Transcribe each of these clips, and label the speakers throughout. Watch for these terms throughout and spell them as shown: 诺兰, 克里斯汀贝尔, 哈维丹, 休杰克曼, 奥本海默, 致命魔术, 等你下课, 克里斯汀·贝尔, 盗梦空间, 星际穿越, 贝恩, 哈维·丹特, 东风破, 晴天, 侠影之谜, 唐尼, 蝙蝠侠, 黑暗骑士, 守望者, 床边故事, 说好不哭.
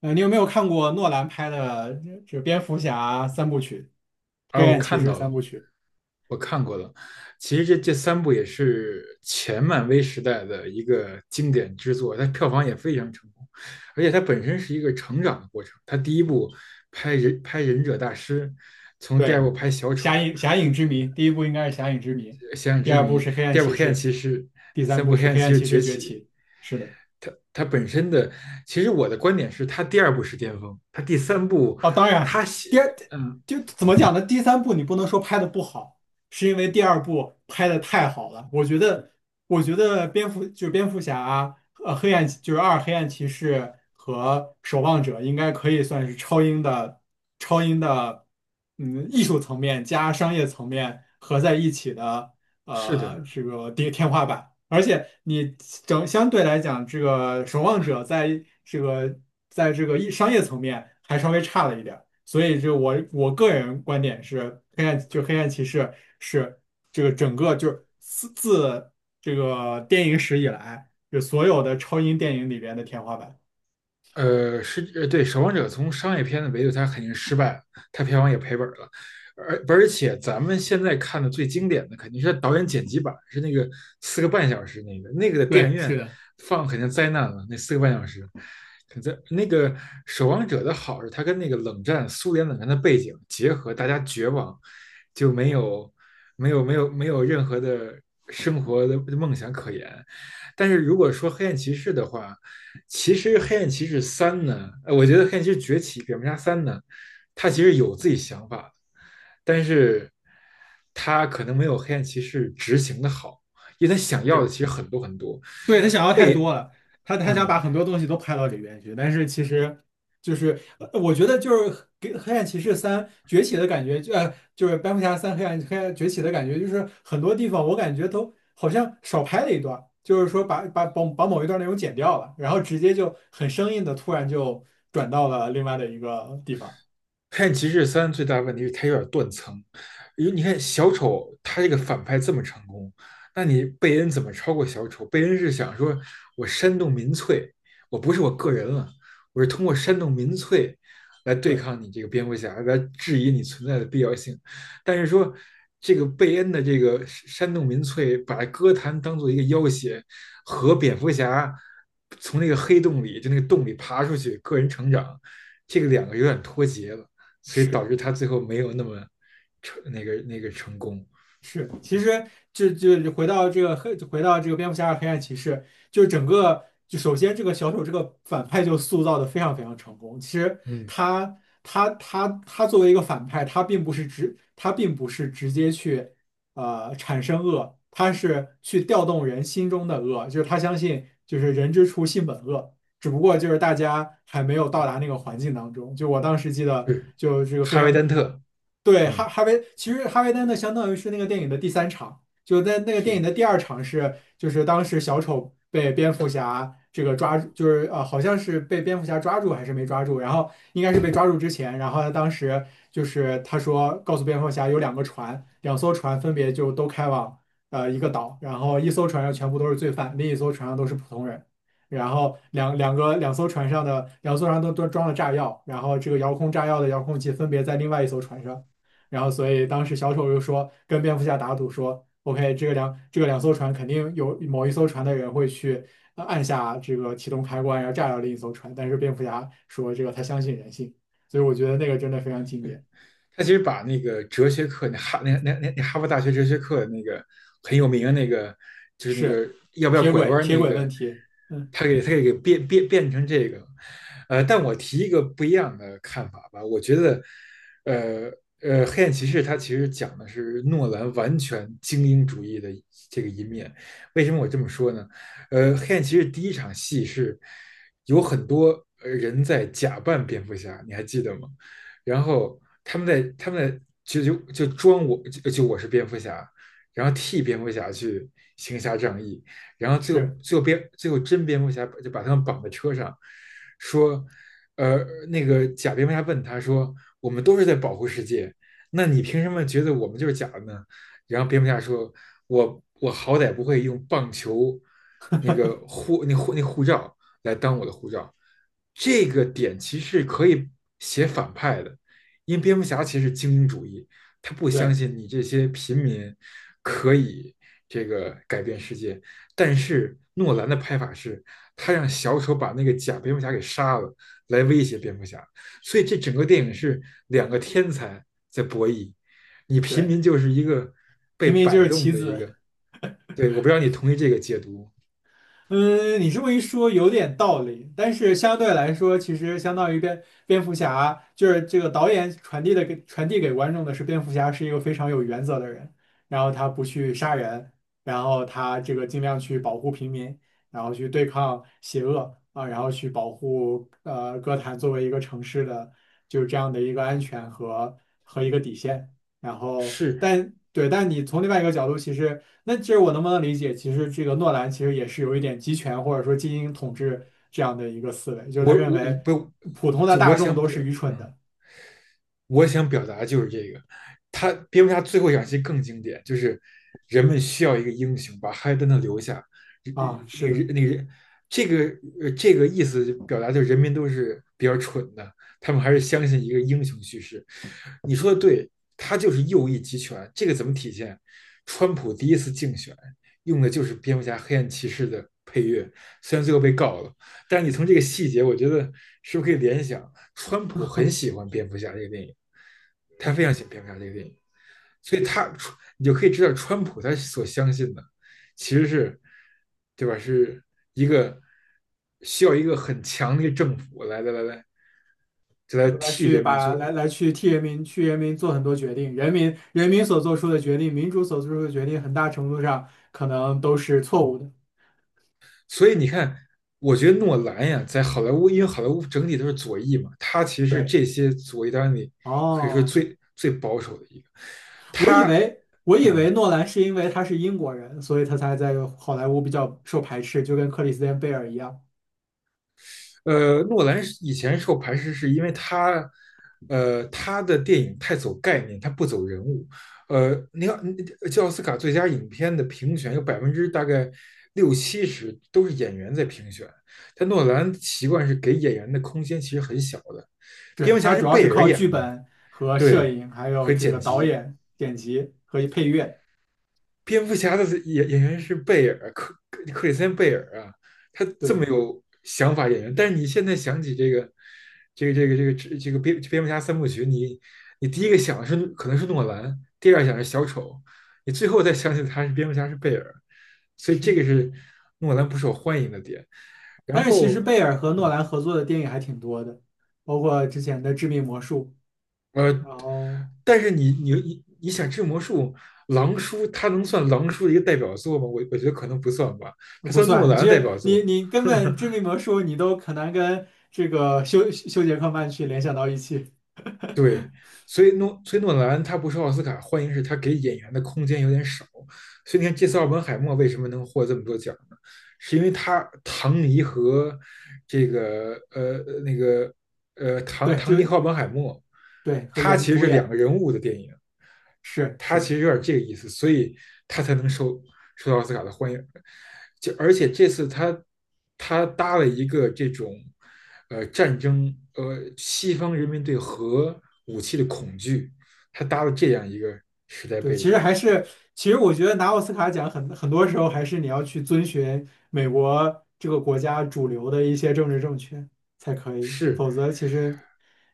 Speaker 1: 你有没有看过诺兰拍的蝙蝠侠三部曲，
Speaker 2: 啊，
Speaker 1: 《黑
Speaker 2: 我
Speaker 1: 暗骑
Speaker 2: 看
Speaker 1: 士》
Speaker 2: 到了，
Speaker 1: 三部曲？
Speaker 2: 我看过了。其实这三部也是前漫威时代的一个经典之作，它票房也非常成功，而且它本身是一个成长的过程。它第一部拍忍拍忍者大师，从
Speaker 1: 对，
Speaker 2: 第二部拍小
Speaker 1: 《侠
Speaker 2: 丑、
Speaker 1: 影之谜》第一部应该是《侠影之谜》，
Speaker 2: 想
Speaker 1: 第
Speaker 2: 之
Speaker 1: 二部
Speaker 2: 谜，
Speaker 1: 是《黑暗
Speaker 2: 第二部
Speaker 1: 骑
Speaker 2: 黑暗
Speaker 1: 士》，
Speaker 2: 骑士，
Speaker 1: 第
Speaker 2: 第
Speaker 1: 三
Speaker 2: 三部
Speaker 1: 部
Speaker 2: 黑
Speaker 1: 是
Speaker 2: 暗
Speaker 1: 《黑
Speaker 2: 骑
Speaker 1: 暗
Speaker 2: 士
Speaker 1: 骑士
Speaker 2: 崛
Speaker 1: 崛起》。
Speaker 2: 起。
Speaker 1: 是的。
Speaker 2: 它本身的，其实我的观点是，它第二部是巅峰，它第三部，
Speaker 1: 啊，当
Speaker 2: 它
Speaker 1: 然，
Speaker 2: 写，
Speaker 1: 第二
Speaker 2: 嗯，
Speaker 1: 就怎么讲呢？第三部你不能说拍的不好，是因为第二部拍的太好了。我觉得，我觉得蝙蝠侠啊，黑暗就是黑暗骑士和守望者应该可以算是超英的，嗯，艺术层面加商业层面合在一起的
Speaker 2: 是的，
Speaker 1: 这个跌天花板，而且你相对来讲，这个守望者在这个在这个商业层面还稍微差了一点儿，所以就我个人观点是，黑暗骑士是这个整个就是这个电影史以来，就所有的超英电影里边的天花板。
Speaker 2: 是对，《守望者》从商业片的维度，它肯定失败了，它票房也赔本了，而且咱们现在看的最经典的肯定是导演剪辑版，是那个四个半小时那个，那个的电
Speaker 1: 对，
Speaker 2: 影
Speaker 1: 是
Speaker 2: 院
Speaker 1: 的。
Speaker 2: 放肯定灾难了，那四个半小时，可在那个《守望者》的好是它跟那个冷战苏联冷战的背景结合，大家绝望，就没有没有任何的生活的梦想可言，但是如果说《黑暗骑士》的话，其实《黑暗骑士三》呢，我觉得《黑暗骑士崛起》《蝙蝠侠三》呢，他其实有自己想法的，但是他可能没有《黑暗骑士》执行的好，因为他想要的
Speaker 1: 是。
Speaker 2: 其实很多，
Speaker 1: 对，他想要太
Speaker 2: 被，
Speaker 1: 多了，他想把
Speaker 2: 嗯，《
Speaker 1: 很多东西都拍到里边去，但是其实就是我觉得就是给《黑暗骑士三》崛起的感觉，就就是《蝙蝠侠三》黑暗崛起的感觉，就是很多地方我感觉都好像少拍了一段，就是说把某一段内容剪掉了，然后直接就很生硬的突然就转到了另外的一个地方。
Speaker 2: 黑暗骑士三》最大问题是它有点断层，因为你看小丑他这个反派这么成功，那你贝恩怎么超过小丑？贝恩是想说我煽动民粹，我不是我个人了，我是通过煽动民粹来对
Speaker 1: 对。
Speaker 2: 抗你这个蝙蝠侠，来质疑你存在的必要性。但是说这个贝恩的这个煽动民粹，把歌坛当做一个要挟，和蝙蝠侠从那个黑洞里就那个洞里爬出去，个人成长，这个两个有点脱节了。所以
Speaker 1: 是。
Speaker 2: 导致他最后没有那么成那个成功。
Speaker 1: 是，其实就回到这个黑，回到这个蝙蝠侠二黑暗骑士，就是整个就首先这个小丑这个反派就塑造的非常非常成功。其实
Speaker 2: 嗯，
Speaker 1: 他他作为一个反派，他并不是直接去产生恶，他是去调动人心中的恶，就是他相信就是人之初性本恶，只不过就是大家还没有到达那个环境当中。就我当时记得，
Speaker 2: 是，
Speaker 1: 就这个非
Speaker 2: 哈维·
Speaker 1: 常
Speaker 2: 丹特，
Speaker 1: 对
Speaker 2: 嗯，
Speaker 1: 哈维，其实哈维丹的相当于是那个电影的第三场，就在那个电影的第
Speaker 2: 是
Speaker 1: 二场是，就是当时小丑被蝙蝠侠这个抓住，就是呃好像是被蝙蝠侠抓住还是没抓住，然后应该是被抓住之前，然后他当时就是他说告诉蝙蝠侠有两个船，两艘船分别就都开往。呃，一个岛，然后一艘船上全部都是罪犯，另一艘船上都是普通人。然后两艘船上的两艘船都装了炸药，然后这个遥控炸药的遥控器分别在另外一艘船上，然后所以当时小丑又说跟蝙蝠侠打赌说，OK,这个两艘船肯定有某一艘船的人会去按下这个启动开关，然后炸掉另一艘船，但是蝙蝠侠说这个他相信人性，所以我觉得那个真的非常经
Speaker 2: 是。
Speaker 1: 典，
Speaker 2: 他其实把那个哲学课，那哈那那那那哈佛大学哲学课那个很有名的那个，就是那个
Speaker 1: 是
Speaker 2: 要不要拐弯
Speaker 1: 铁
Speaker 2: 那
Speaker 1: 轨问
Speaker 2: 个，
Speaker 1: 题，嗯，
Speaker 2: 他给他给变成这个，呃，但我提一个不一样的看法吧，我觉得，呃黑暗骑士它其实讲的是诺兰完全精英主义的这个一面，为什么我这么说呢？呃，黑暗骑士第一场戏是有很多人在假扮蝙蝠侠，你还记得吗？然后他们在就装，我我是蝙蝠侠，然后替蝙蝠侠去行侠仗义，然后最后
Speaker 1: 是
Speaker 2: 最后蝙最后真蝙蝠侠就把他们绑在车上，说，呃，那个假蝙蝠侠问他说，我们都是在保护世界，那你凭什么觉得我们就是假的呢？然后蝙蝠侠说，我好歹不会用棒球那个护罩来当我的护照。这个点其实可以写反派的，因为蝙蝠侠其实是精英主义，他不相
Speaker 1: 对
Speaker 2: 信你这些平民可以这个改变世界。但是诺兰的拍法是，他让小丑把那个假蝙蝠侠给杀了，来威胁蝙蝠侠。所以这整个电影是两个天才在博弈，你平
Speaker 1: 对，
Speaker 2: 民就是一个
Speaker 1: 平
Speaker 2: 被
Speaker 1: 民就
Speaker 2: 摆
Speaker 1: 是
Speaker 2: 动
Speaker 1: 棋
Speaker 2: 的一
Speaker 1: 子，
Speaker 2: 个。对，我不知道你同意这个解读，
Speaker 1: 嗯，你这么一说有点道理，但是相对来说，其实相当于蝙蝠侠，就是这个导演传递给观众的是，蝙蝠侠是一个非常有原则的人，然后他不去杀人，然后他这个尽量去保护平民，然后去对抗邪恶啊，然后去保护哥谭作为一个城市的就是这样的一个安全和一个底线，然后
Speaker 2: 是，
Speaker 1: 但对，但你从另外一个角度，其实。那这我能不能理解？其实这个诺兰其实也是有一点集权或者说精英统治这样的一个思维，就是他
Speaker 2: 我
Speaker 1: 认
Speaker 2: 我我
Speaker 1: 为
Speaker 2: 不
Speaker 1: 普通的
Speaker 2: 就
Speaker 1: 大
Speaker 2: 我
Speaker 1: 众
Speaker 2: 想
Speaker 1: 都
Speaker 2: 表，
Speaker 1: 是愚蠢
Speaker 2: 嗯，
Speaker 1: 的
Speaker 2: 我想表达就是这个。他蝙蝠侠最后一场戏更经典，就是人们需要一个英雄把哈利登顿留下，
Speaker 1: 啊，
Speaker 2: 那
Speaker 1: 是的，
Speaker 2: 个那个这个这个意思表达就是人民都是比较蠢的，他们还是相信一个英雄叙事。你说的对，他就是右翼集权，这个怎么体现？川普第一次竞选用的就是蝙蝠侠黑暗骑士的配乐，虽然最后被告了，但是你从这个细节，我觉得是不是可以联想，川普很喜欢蝙蝠侠这个电影，他非常
Speaker 1: 嗯，
Speaker 2: 喜欢蝙蝠侠这个电影，所以他，你就可以知道川普他所相信的其实是，对吧？是一个需要一个很强的一个政府来，就来
Speaker 1: 来
Speaker 2: 替
Speaker 1: 去
Speaker 2: 人民
Speaker 1: 把
Speaker 2: 做。
Speaker 1: 去替人民人民做很多决定，人民所做出的决定，民主所做出的决定，很大程度上可能都是错误的。
Speaker 2: 所以你看，我觉得诺兰呀，在好莱坞，因为好莱坞整体都是左翼嘛，他其实是
Speaker 1: 对，
Speaker 2: 这些左翼当演里可以说
Speaker 1: 哦，
Speaker 2: 最保守的一个，他。
Speaker 1: 我以
Speaker 2: 嗯，
Speaker 1: 为诺兰是因为他是英国人，所以他才在好莱坞比较受排斥，就跟克里斯汀贝尔一样。
Speaker 2: 呃，诺兰是以前受排斥，是因为他，呃，他的电影太走概念，他不走人物。呃，你个，嗯，奥斯卡最佳影片的评选有百分之大概六七十都是演员在评选，但诺兰习惯是给演员的空间其实很小的。
Speaker 1: 对
Speaker 2: 蝙蝠
Speaker 1: 它
Speaker 2: 侠是
Speaker 1: 主要是
Speaker 2: 贝尔
Speaker 1: 靠剧
Speaker 2: 演的，
Speaker 1: 本和摄
Speaker 2: 对，
Speaker 1: 影，还有
Speaker 2: 和
Speaker 1: 这
Speaker 2: 剪
Speaker 1: 个导
Speaker 2: 辑，
Speaker 1: 演、剪辑和配乐。
Speaker 2: 蝙蝠侠的演员是贝尔，里斯汀贝尔啊，他这么
Speaker 1: 对，
Speaker 2: 有想法演员，但是你现在想起这个蝙蝠侠三部曲，你你第一个想的是可能是诺兰，第二想是小丑，你最后再想起他是蝙蝠侠是贝尔，所以这
Speaker 1: 是。
Speaker 2: 个是诺兰不受欢迎的点。然
Speaker 1: 但是其实
Speaker 2: 后，
Speaker 1: 贝尔和诺
Speaker 2: 嗯，
Speaker 1: 兰合作的电影还挺多的，包括之前的《致命魔术》，
Speaker 2: 呃，
Speaker 1: 然后
Speaker 2: 但是你想治魔术。狼叔，他能算狼叔的一个代表作吗？我觉得可能不算吧，他
Speaker 1: 不
Speaker 2: 算诺
Speaker 1: 算，
Speaker 2: 兰
Speaker 1: 其
Speaker 2: 的代
Speaker 1: 实
Speaker 2: 表
Speaker 1: 你
Speaker 2: 作，
Speaker 1: 你根本《致命魔术》你都很难跟这个休杰克曼去联想到一起。
Speaker 2: 对，所以诺兰他不是奥斯卡，欢迎是他给演员的空间有点少。所以你看，这次奥本海默为什么能获这么多奖呢？是因为他唐尼和这个呃那个呃，唐
Speaker 1: 对，就
Speaker 2: 唐尼和奥本海默，
Speaker 1: 对，和
Speaker 2: 他
Speaker 1: 演
Speaker 2: 其实
Speaker 1: 主
Speaker 2: 是两
Speaker 1: 演
Speaker 2: 个人物的电影，
Speaker 1: 是是
Speaker 2: 他
Speaker 1: 的。
Speaker 2: 其实有点这个意思，所以他才能受到奥斯卡的欢迎。就而且这次他他搭了一个这种呃战争呃西方人民对核武器的恐惧，他搭了这样一个时代
Speaker 1: 对，
Speaker 2: 背
Speaker 1: 其实
Speaker 2: 景，
Speaker 1: 还是，其实我觉得拿奥斯卡奖很多时候还是你要去遵循美国这个国家主流的一些政治正确才可以，
Speaker 2: 是，
Speaker 1: 否则其实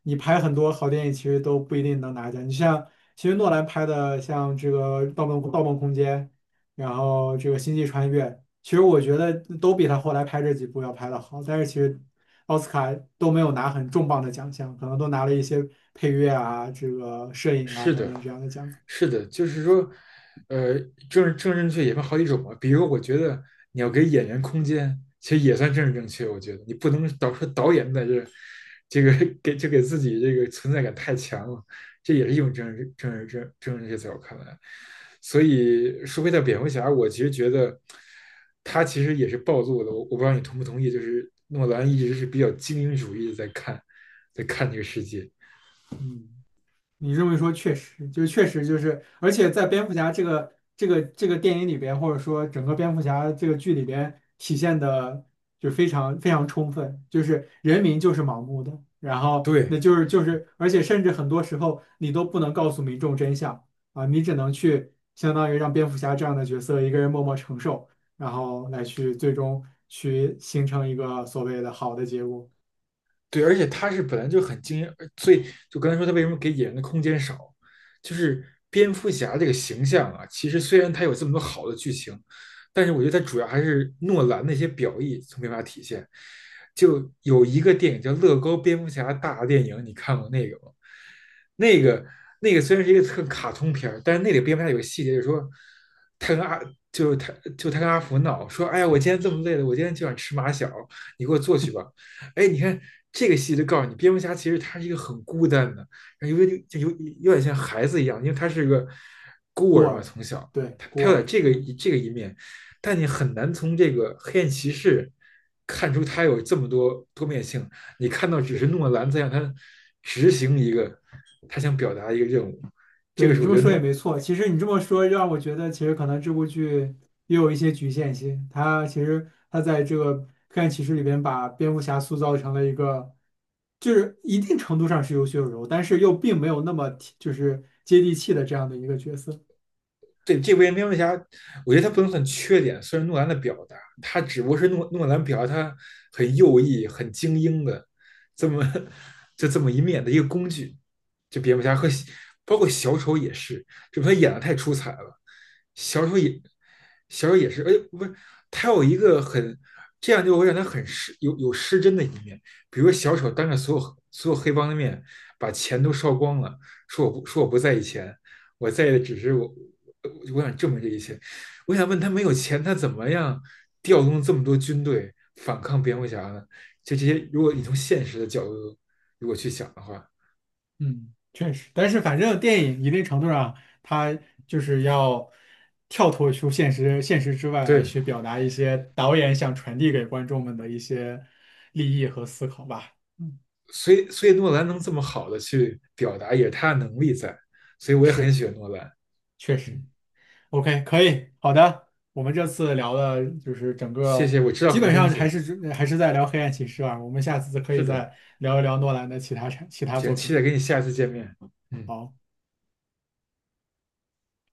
Speaker 1: 你拍很多好电影其实都不一定能拿奖。你像其实诺兰拍的像这个盗梦空间》，然后这个《星际穿越》，其实我觉得都比他后来拍这几部要拍的好，但是其实奥斯卡都没有拿很重磅的奖项，可能都拿了一些配乐啊、这个摄影啊
Speaker 2: 是
Speaker 1: 等
Speaker 2: 的，
Speaker 1: 等这样的奖项。
Speaker 2: 是的，就是说，呃，政治正确也分好几种嘛。比如，我觉得你要给演员空间，其实也算政治正确。我觉得你不能导说导演在这，这个给就给自己这个存在感太强了，这也是一种政治正确，在我看来。所以说回到蝙蝠侠，我其实觉得他其实也是暴露了，我不知道你同不同意，就是诺兰一直是比较精英主义的在看，在看这个世界。
Speaker 1: 嗯，你这么一说，确实，就确实就是，而且在蝙蝠侠这个这个电影里边，或者说整个蝙蝠侠这个剧里边，体现的就非常非常充分，就是人民就是盲目的，然后那
Speaker 2: 对，
Speaker 1: 就是，而且甚至很多时候你都不能告诉民众真相啊，你只能去相当于让蝙蝠侠这样的角色一个人默默承受，然后来去最终去形成一个所谓的好的结果，
Speaker 2: 对，而且他是本来就很惊艳，呃所以就刚才说他为什么给演员的空间少，就是蝙蝠侠这个形象啊，其实虽然他有这么多好的剧情，但是我觉得他主要还是诺兰那些表意从没法体现。就有一个电影叫《乐高蝙蝠侠大电影》，你看过那个吗？那个那个虽然是一个特卡通片儿，但是那里蝙蝠侠有个细节，就是说他跟阿，就是他，就他跟阿福闹说，哎呀，我今天这么累了，我今天就想吃马小，你给我做去吧。哎，你看这个戏就告诉你，蝙蝠侠其实他是一个很孤单的，有有点像孩子一样，因为他是个孤
Speaker 1: 孤
Speaker 2: 儿嘛，
Speaker 1: 儿，
Speaker 2: 从小
Speaker 1: 对，
Speaker 2: 他
Speaker 1: 孤
Speaker 2: 他有点
Speaker 1: 儿，
Speaker 2: 这个
Speaker 1: 嗯。
Speaker 2: 这个一面，但你很难从这个黑暗骑士看出他有这么多多面性。你看到只是
Speaker 1: 是。
Speaker 2: 诺兰在让他执行一个他想表达一个任务，这
Speaker 1: 对
Speaker 2: 个
Speaker 1: 你
Speaker 2: 是
Speaker 1: 这
Speaker 2: 我
Speaker 1: 么
Speaker 2: 觉得
Speaker 1: 说也没错，其实你这么说让我觉得，其实可能这部剧也有一些局限性。它其实它在这个黑暗骑士里边把蝙蝠侠塑造成了一个，就是一定程度上是有血有肉，但是又并没有那么贴就是接地气的这样的一个角色。
Speaker 2: 对这部《蝙蝠侠》，我觉得他不能算缺点，算是诺兰的表达，他只不过是诺兰表达他很右翼、很精英的这么就这么一面的一个工具。就蝙蝠侠和包括小丑也是，这他演的太出彩了，小丑也，是，哎，不是他有一个很这样就会让他很失有失真的一面，比如小丑当着所有黑帮的面把钱都烧光了，说我不在意钱，我在意的只是我，呃我想证明这一切。我想问他，没有钱，他怎么样调动这么多军队反抗蝙蝠侠呢？就这些，如果你从现实的角度如果去想的话，
Speaker 1: 嗯，确实，但是反正电影一定程度上，它就是要跳脱出现实之外来
Speaker 2: 对，
Speaker 1: 去表达一些导演想传递给观众们的一些利益和思考吧。嗯，
Speaker 2: 所以诺兰能这么好的去表达，也是他的能力在，所以我也很
Speaker 1: 是。
Speaker 2: 喜欢诺兰。
Speaker 1: 确实
Speaker 2: 嗯，
Speaker 1: ，OK,可以，好的。我们这次聊的就是整
Speaker 2: 谢
Speaker 1: 个，
Speaker 2: 谢，我知道
Speaker 1: 基
Speaker 2: 很多
Speaker 1: 本
Speaker 2: 东
Speaker 1: 上还
Speaker 2: 西。
Speaker 1: 是只还是在聊《黑暗骑士啊。我们下次可
Speaker 2: 是
Speaker 1: 以
Speaker 2: 的，
Speaker 1: 再聊一聊诺兰的其他
Speaker 2: 行，
Speaker 1: 作
Speaker 2: 期
Speaker 1: 品。
Speaker 2: 待跟你下次见面。嗯。
Speaker 1: 好。